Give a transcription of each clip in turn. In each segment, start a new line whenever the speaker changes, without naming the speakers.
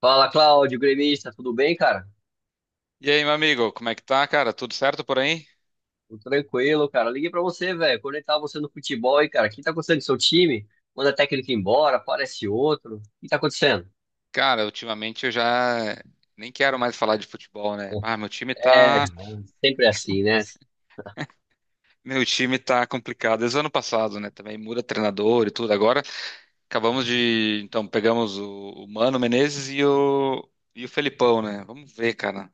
Fala, Cláudio, gremista, tudo bem, cara?
E aí, meu amigo, como é que tá, cara? Tudo certo por aí?
Tudo tranquilo, cara. Liguei pra você, velho. Conectar você no futebol aí, cara. O que tá acontecendo com seu time? Manda técnico embora, aparece outro. O que tá acontecendo?
Cara, ultimamente eu já nem quero mais falar de futebol, né? Ah, meu
É, é, sempre assim, né?
meu time tá complicado. Desde o ano passado, né? Também muda treinador e tudo. Agora então pegamos o Mano Menezes e o Felipão, né? Vamos ver, cara. Não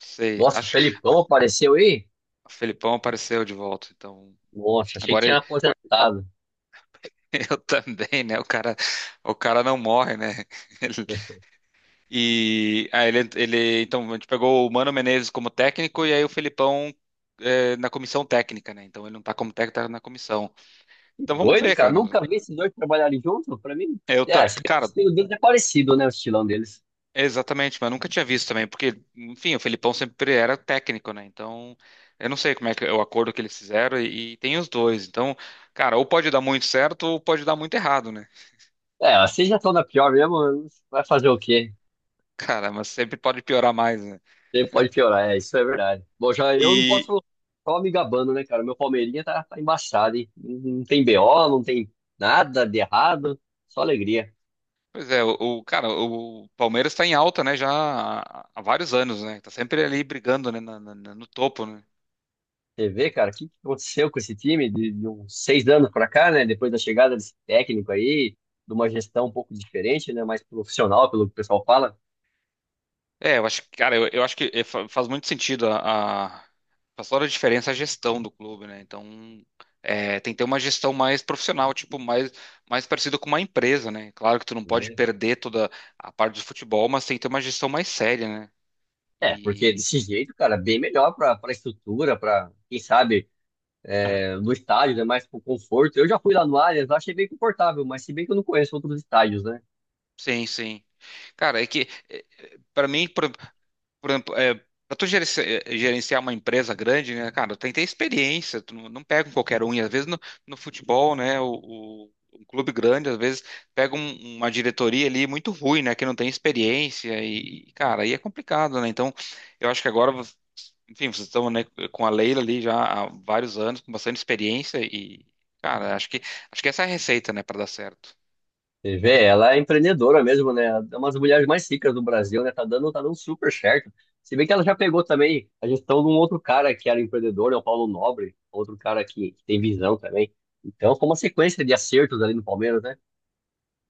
sei.
Nossa, o
Acho que
Felipão apareceu aí?
o Felipão apareceu de volta, então
Nossa, achei que
agora
tinha aposentado.
eu também, né? O cara não morre, né? E aí então, a gente pegou o Mano Menezes como técnico e aí o Felipão na comissão técnica, né? Então ele não tá como técnico, tá na comissão.
Que
Então vamos
doido,
ver,
cara.
cara.
Nunca vi esses dois trabalharem juntos, pra mim.
Eu, ta-
É, se bem que o
cara,
estilo deles é parecido, né? O estilão deles.
é exatamente, mas nunca tinha visto também, porque, enfim, o Felipão sempre era técnico, né? Então eu não sei como é que é o acordo que eles fizeram e tem os dois. Então, cara, ou pode dar muito certo ou pode dar muito errado, né?
É, vocês já estão na pior mesmo, vai fazer o quê?
Cara, mas sempre pode piorar mais, né?
Sempre pode piorar, é, isso é verdade. Bom, já eu não
E,
posso só me gabando, né, cara? Meu Palmeirinha tá embaçado, hein? Não tem BO, não tem nada de errado, só alegria.
Pois é, o- cara, o Palmeiras está em alta, né, já há vários anos, né? Tá sempre ali brigando, né, no topo, né?
Você vê, cara, o que que aconteceu com esse time de uns seis anos pra cá, né? Depois da chegada desse técnico aí, de uma gestão um pouco diferente, né? Mais profissional, pelo que o pessoal fala,
É, eu acho que, cara, eu acho que faz muito faz toda a diferença a gestão do clube, né? Então, tem que ter uma gestão mais profissional, tipo, mais, mais parecida com uma empresa, né? Claro que tu não pode
né?
perder toda a parte do futebol, mas tem que ter uma gestão mais séria, né?
É, porque
E
desse jeito, cara, bem melhor pra estrutura, pra, quem sabe, é, no estádio, né? Mais pro conforto. Eu já fui lá no Allianz, lá achei bem confortável, mas se bem que eu não conheço outros estádios, né?
sim, sim. Cara, é que pra mim, por exemplo, é, para tu gerenci- eh, gerenciar uma empresa grande, né, cara, tem que ter experiência, tu não, não pega um qualquer um, e às vezes no futebol, né, um clube grande, às vezes pega uma diretoria ali muito ruim, né, que não tem experiência e, cara, aí é complicado, né, então eu acho que agora, enfim, vocês estão, né, com a Leila ali já há vários anos, com bastante experiência e, cara, acho que essa é a receita, né, para dar certo.
Você vê, ela é empreendedora mesmo, né? É uma das mulheres mais ricas do Brasil, né? Tá dando super certo. Se bem que ela já pegou também a gestão de um outro cara que era empreendedor, né? O Paulo Nobre, outro cara que tem visão também. Então, foi uma sequência de acertos ali no Palmeiras, né?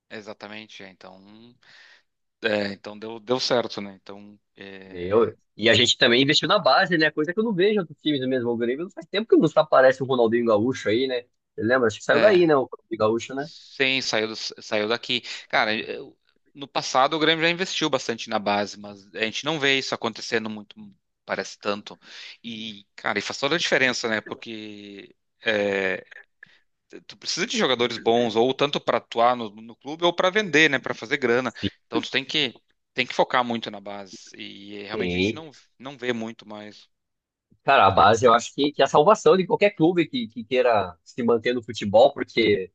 Exatamente, é, então deu, deu certo, né, então... É...
E a gente também investiu na base, né? Coisa que eu não vejo em outros times mesmo. O Grêmio faz tempo que não aparece o Ronaldinho Gaúcho aí, né? Você lembra? Acho que saiu daí,
É.
né? O Ronaldinho Gaúcho, né?
Sim, saiu daqui. Cara, eu- no passado o Grêmio já investiu bastante na base, mas a gente não vê isso acontecendo muito, parece tanto. E, cara, e faz toda a diferença, né? Porque é, tu precisa de jogadores bons, ou tanto para atuar no clube, ou para vender, né? Para fazer grana. Então tem que focar muito na base. E realmente a gente
Sim.
não, não vê muito mais.
Cara, a base eu acho que é a salvação de qualquer clube que queira se manter no futebol, porque,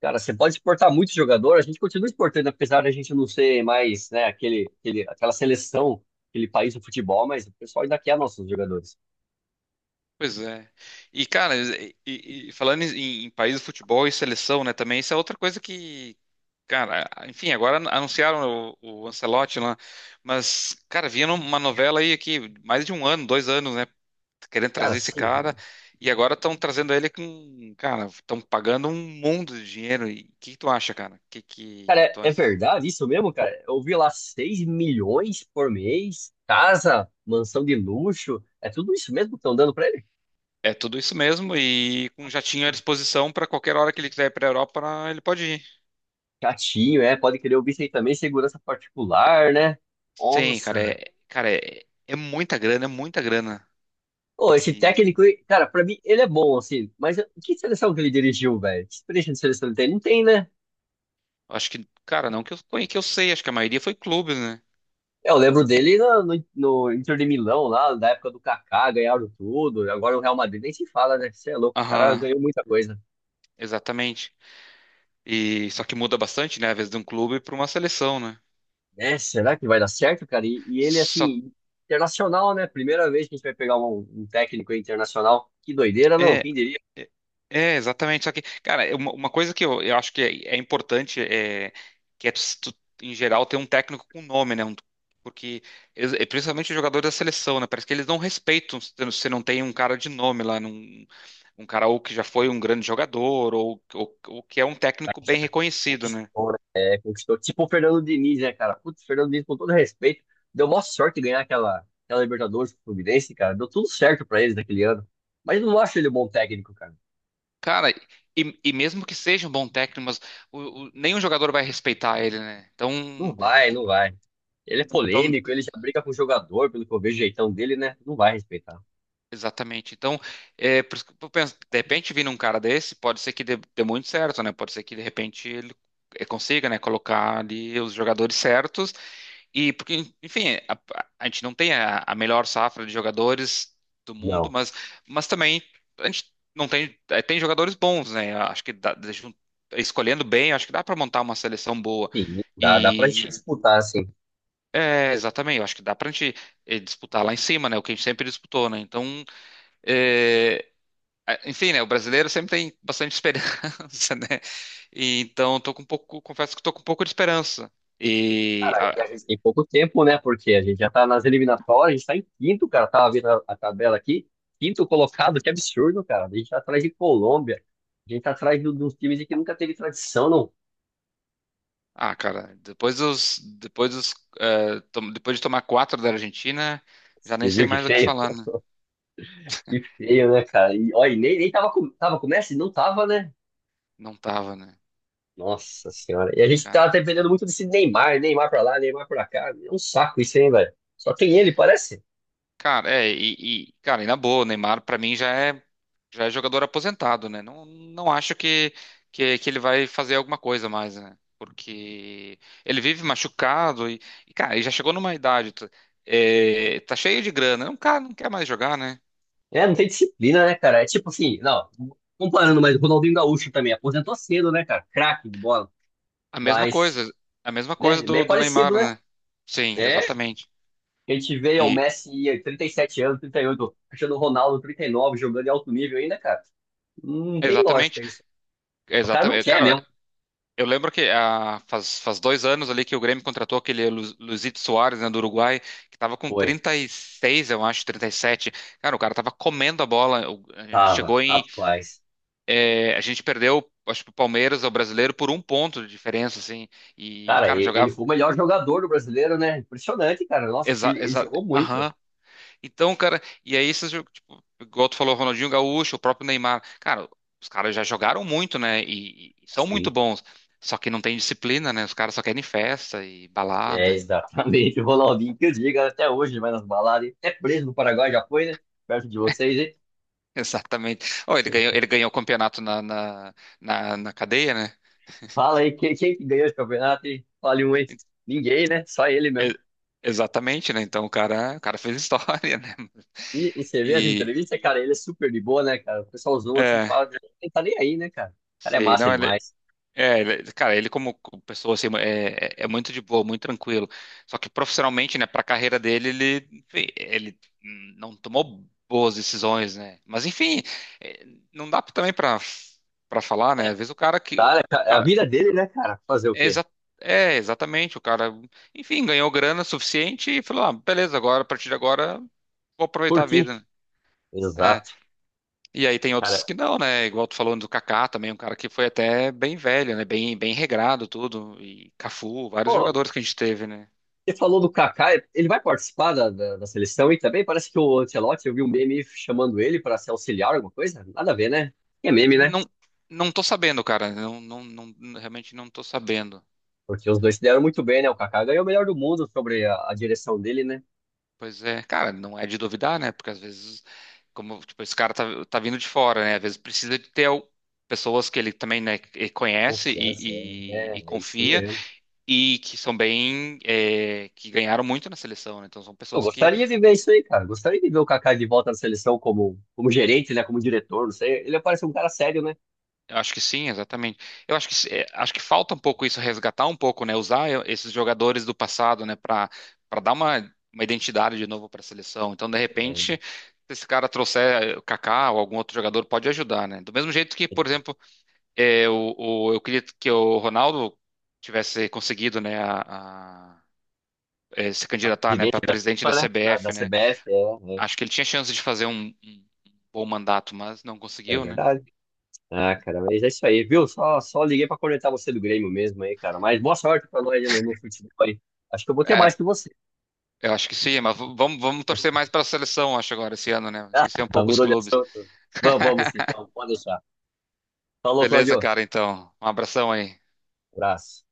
cara, você pode exportar muito jogador, a gente continua exportando, apesar da gente não ser mais, né, aquele, aquele, aquela seleção, aquele país do futebol, mas o pessoal ainda quer nossos jogadores.
Pois é. E, cara, e falando em país de futebol e seleção, né, também, isso é outra coisa que, cara, enfim, agora anunciaram o Ancelotti lá, mas, cara, vinha numa novela aí aqui, mais de um ano, dois anos, né, querendo
Cara,
trazer esse
sim,
cara,
viu?
e agora estão trazendo ele com, cara, estão pagando um mundo de dinheiro, e o que que tu acha, cara?
Cara,
Que
é,
tu
é
acha?
verdade isso mesmo, cara? Eu vi lá 6 milhões por mês, casa, mansão de luxo, é tudo isso mesmo que estão dando pra ele?
É tudo isso mesmo, e com um jatinho à disposição para qualquer hora que ele quiser ir para a Europa, ele pode ir.
Chatinho, é, pode querer ouvir bicho aí também, segurança particular, né?
Sim,
Nossa,
cara,
velho.
é muita grana,
Ô, esse
e
técnico, aí, cara, pra mim ele é bom, assim, mas que seleção que ele dirigiu, velho? Que experiência de seleção ele tem? Não tem, né?
acho que, cara, não que eu, que eu sei, acho que a maioria foi clubes, né?
É, eu lembro dele no Inter de Milão, lá, da época do Kaká, ganharam tudo. Agora o Real Madrid nem se fala, né? Você é louco, o cara
Aham.
ganhou muita coisa.
Exatamente. E só que muda bastante, né? Às vezes de um clube para uma seleção, né?
É, será que vai dar certo, cara? E ele,
Só
assim, internacional, né? Primeira vez que a gente vai pegar um técnico internacional. Que doideira, não?
é,
Quem diria?
é, é, exatamente. Só que, cara, é uma coisa que eu acho que é importante é que é tu, tu, em geral ter um técnico com nome, né? Porque e principalmente os jogadores da seleção, né? Parece que eles não respeitam se você não tem um cara de nome lá, num, um cara ou que já foi um grande jogador ou que é um
O cara,
técnico bem
já
reconhecido, né?
conquistou, né? É, conquistou. Tipo o Fernando Diniz, né, cara? Putz, o Fernando Diniz, com todo respeito, deu maior sorte de ganhar aquela Libertadores com o Fluminense, cara. Deu tudo certo pra eles naquele ano. Mas eu não acho ele um bom técnico, cara.
Cara, e mesmo que seja um bom técnico, mas nenhum jogador vai respeitar ele, né? Então,
Não vai, não vai. Ele é
então
polêmico, ele já briga com o jogador, pelo que eu vejo o jeitão dele, né? Não vai respeitar.
exatamente. Então, é, por isso que eu penso, de repente, vindo um cara desse, pode ser que dê muito certo, né? Pode ser que, de repente, ele consiga, né, colocar ali os jogadores certos. E porque, enfim, a gente não tem a melhor safra de jogadores do mundo,
Não.
mas também a gente não tem, tem jogadores bons, né? Eu acho escolhendo bem, eu acho que dá para montar uma seleção boa.
Sim, dá, dá pra gente
E
disputar, assim.
é, exatamente, eu acho que dá para a gente disputar lá em cima, né? O que a gente sempre disputou, né? Então, eh, enfim, né? O brasileiro sempre tem bastante esperança, né? E, então, tô com um pouco, confesso que tô com um pouco de esperança. E
Cara, e a gente tem pouco tempo, né? Porque a gente já tá nas eliminatórias, a gente tá em quinto, cara. Tava vendo a tabela aqui. Quinto colocado, que absurdo, cara. A gente tá atrás de Colômbia. A gente tá atrás de uns times que nunca teve tradição, não.
ah, cara, depois de tomar quatro da Argentina, já nem
Você
sei
viu que
mais o que
feio?
falar, né?
Que feio, né, cara? E, olha, e nem tava com o Messi? Não tava, né?
Não tava, né?
Nossa senhora. E a gente tá
Cara,
dependendo muito desse Neymar, Neymar pra lá, Neymar pra cá. É um saco isso, hein, velho? Só tem ele, parece.
cara, e na boa, o Neymar pra mim já é jogador aposentado, né? Não, não acho que ele vai fazer alguma coisa mais, né? Porque ele vive machucado e, cara, ele já chegou numa idade, tá, tá cheio de grana, não, cara, não quer mais jogar, né?
É, não tem disciplina, né, cara? É tipo assim, não, comparando, mas o Ronaldinho Gaúcho também aposentou cedo, né, cara? Craque de bola.
A mesma
Mas,
coisa, a mesma coisa
né, bem
do
parecido,
Neymar,
né?
né? Sim,
É, a
exatamente.
gente vê o
E
Messi em 37 anos, 38, Cristiano Ronaldo 39, jogando em alto nível ainda, cara. Não tem
exatamente,
lógica isso. O cara não
exatamente.
quer
Cara,
mesmo.
eu lembro que ah, faz dois anos ali que o Grêmio contratou aquele Luizito Soares, né, do Uruguai, que tava com
Foi.
36, eu acho, 37. Cara, o cara tava comendo a bola. A gente
Tava,
chegou em.
rapaz.
Eh, a gente perdeu, acho que o Palmeiras, o brasileiro, por um ponto de diferença, assim. E,
Cara,
cara,
ele
jogava.
foi o melhor jogador do brasileiro, né? Impressionante, cara. Nossa, que
Exa,
ele
exa,
jogou muito.
Então, cara, e aí esses jogos, tipo, igual tu falou, Ronaldinho Gaúcho, o próprio Neymar, cara, os caras já jogaram muito, né? E são muito
Sim,
bons. Só que não tem disciplina, né? Os caras só querem festa e
é
balada. E
exatamente o Ronaldinho que eu digo até hoje, vai nas baladas. Até preso no Paraguai já foi, né? Perto de vocês, hein?
exatamente. Oh, ele ganhou o campeonato na cadeia, né?
Fala aí, quem que ganhou esse campeonato, hein? Fale um aí. Ninguém, né? Só ele mesmo.
E- Exatamente, né? Então o cara fez história, né?
E você vê as
E
entrevistas, cara, ele é super de boa, né, cara? O pessoal zoa assim,
é,
fala, ele tá nem aí, né, cara? O cara é
sei,
massa
não, ele,
demais.
é, cara, ele como pessoa assim é muito de boa, muito tranquilo. Só que profissionalmente, né, para carreira dele, ele enfim, ele não tomou boas decisões, né? Mas enfim, é, não dá também para para falar, né?
É,
Às vezes o cara que o
tá, né, cara? É a
cara
vida dele, né, cara? Fazer o
é,
quê?
exa é exatamente o cara, enfim, ganhou grana suficiente e falou, ah, beleza, agora a partir de agora vou aproveitar a
Curtir.
vida. Né.
Exato,
E aí tem outros
cara.
que não, né? Igual tu falou do Kaká também, um cara que foi até bem velho, né? Bem, bem regrado tudo. E Cafu, vários
Pô,
jogadores que a gente teve, né?
você falou do Kaká, ele vai participar da seleção e também parece que o Ancelotti, eu vi um meme chamando ele para ser auxiliar, alguma coisa. Nada a ver, né? É meme, né?
Não, não tô sabendo, cara. Não, não, não, realmente não tô sabendo.
Porque os dois se deram muito bem, né? O Kaká ganhou o melhor do mundo sobre a direção dele, né?
Pois é, cara, não é de duvidar, né? Porque às vezes, como, tipo, esse cara tá vindo de fora, né? Às vezes precisa de ter pessoas que ele também, né, que conhece
Confiança, é,
e
é isso
confia
mesmo.
e que são bem, é, que ganharam muito na seleção, né? Então são
Eu
pessoas que
gostaria de ver isso aí, cara. Gostaria de ver o Kaká de volta na seleção como, como gerente, né? Como diretor, não sei. Ele parece um cara sério, né?
eu acho que sim, exatamente. Eu acho que é, acho que falta um pouco isso, resgatar um pouco, né? Usar esses jogadores do passado, né? Para para dar uma identidade de novo para a seleção. Então, de
É,
repente, se esse cara trouxer o Kaká ou algum outro jogador, pode ajudar, né? Do mesmo jeito que, por exemplo, eu queria que o Ronaldo tivesse conseguido, né? Se candidatar, né?
presidente
Para
da
presidente da
FIFA, né? Da
CBF, né?
CBF, é,
Acho que ele tinha chance de fazer um bom mandato, mas não
é, é
conseguiu, né?
verdade. Ah, cara, mas é isso aí, viu? Só, só liguei pra conectar você do Grêmio mesmo aí, cara. Mas boa sorte pra nós aí no futebol aí. Acho que eu vou ter
É,
mais que você.
eu acho que sim, mas vamos, vamos torcer mais para a seleção, acho, agora, esse ano, né? Esquecer um
Ah,
pouco os
mudou de
clubes.
assunto. Vamos, vamos sim, vamos, pode deixar. Falou,
Beleza,
Claudio.
cara, então. Um abração aí.
Abraço.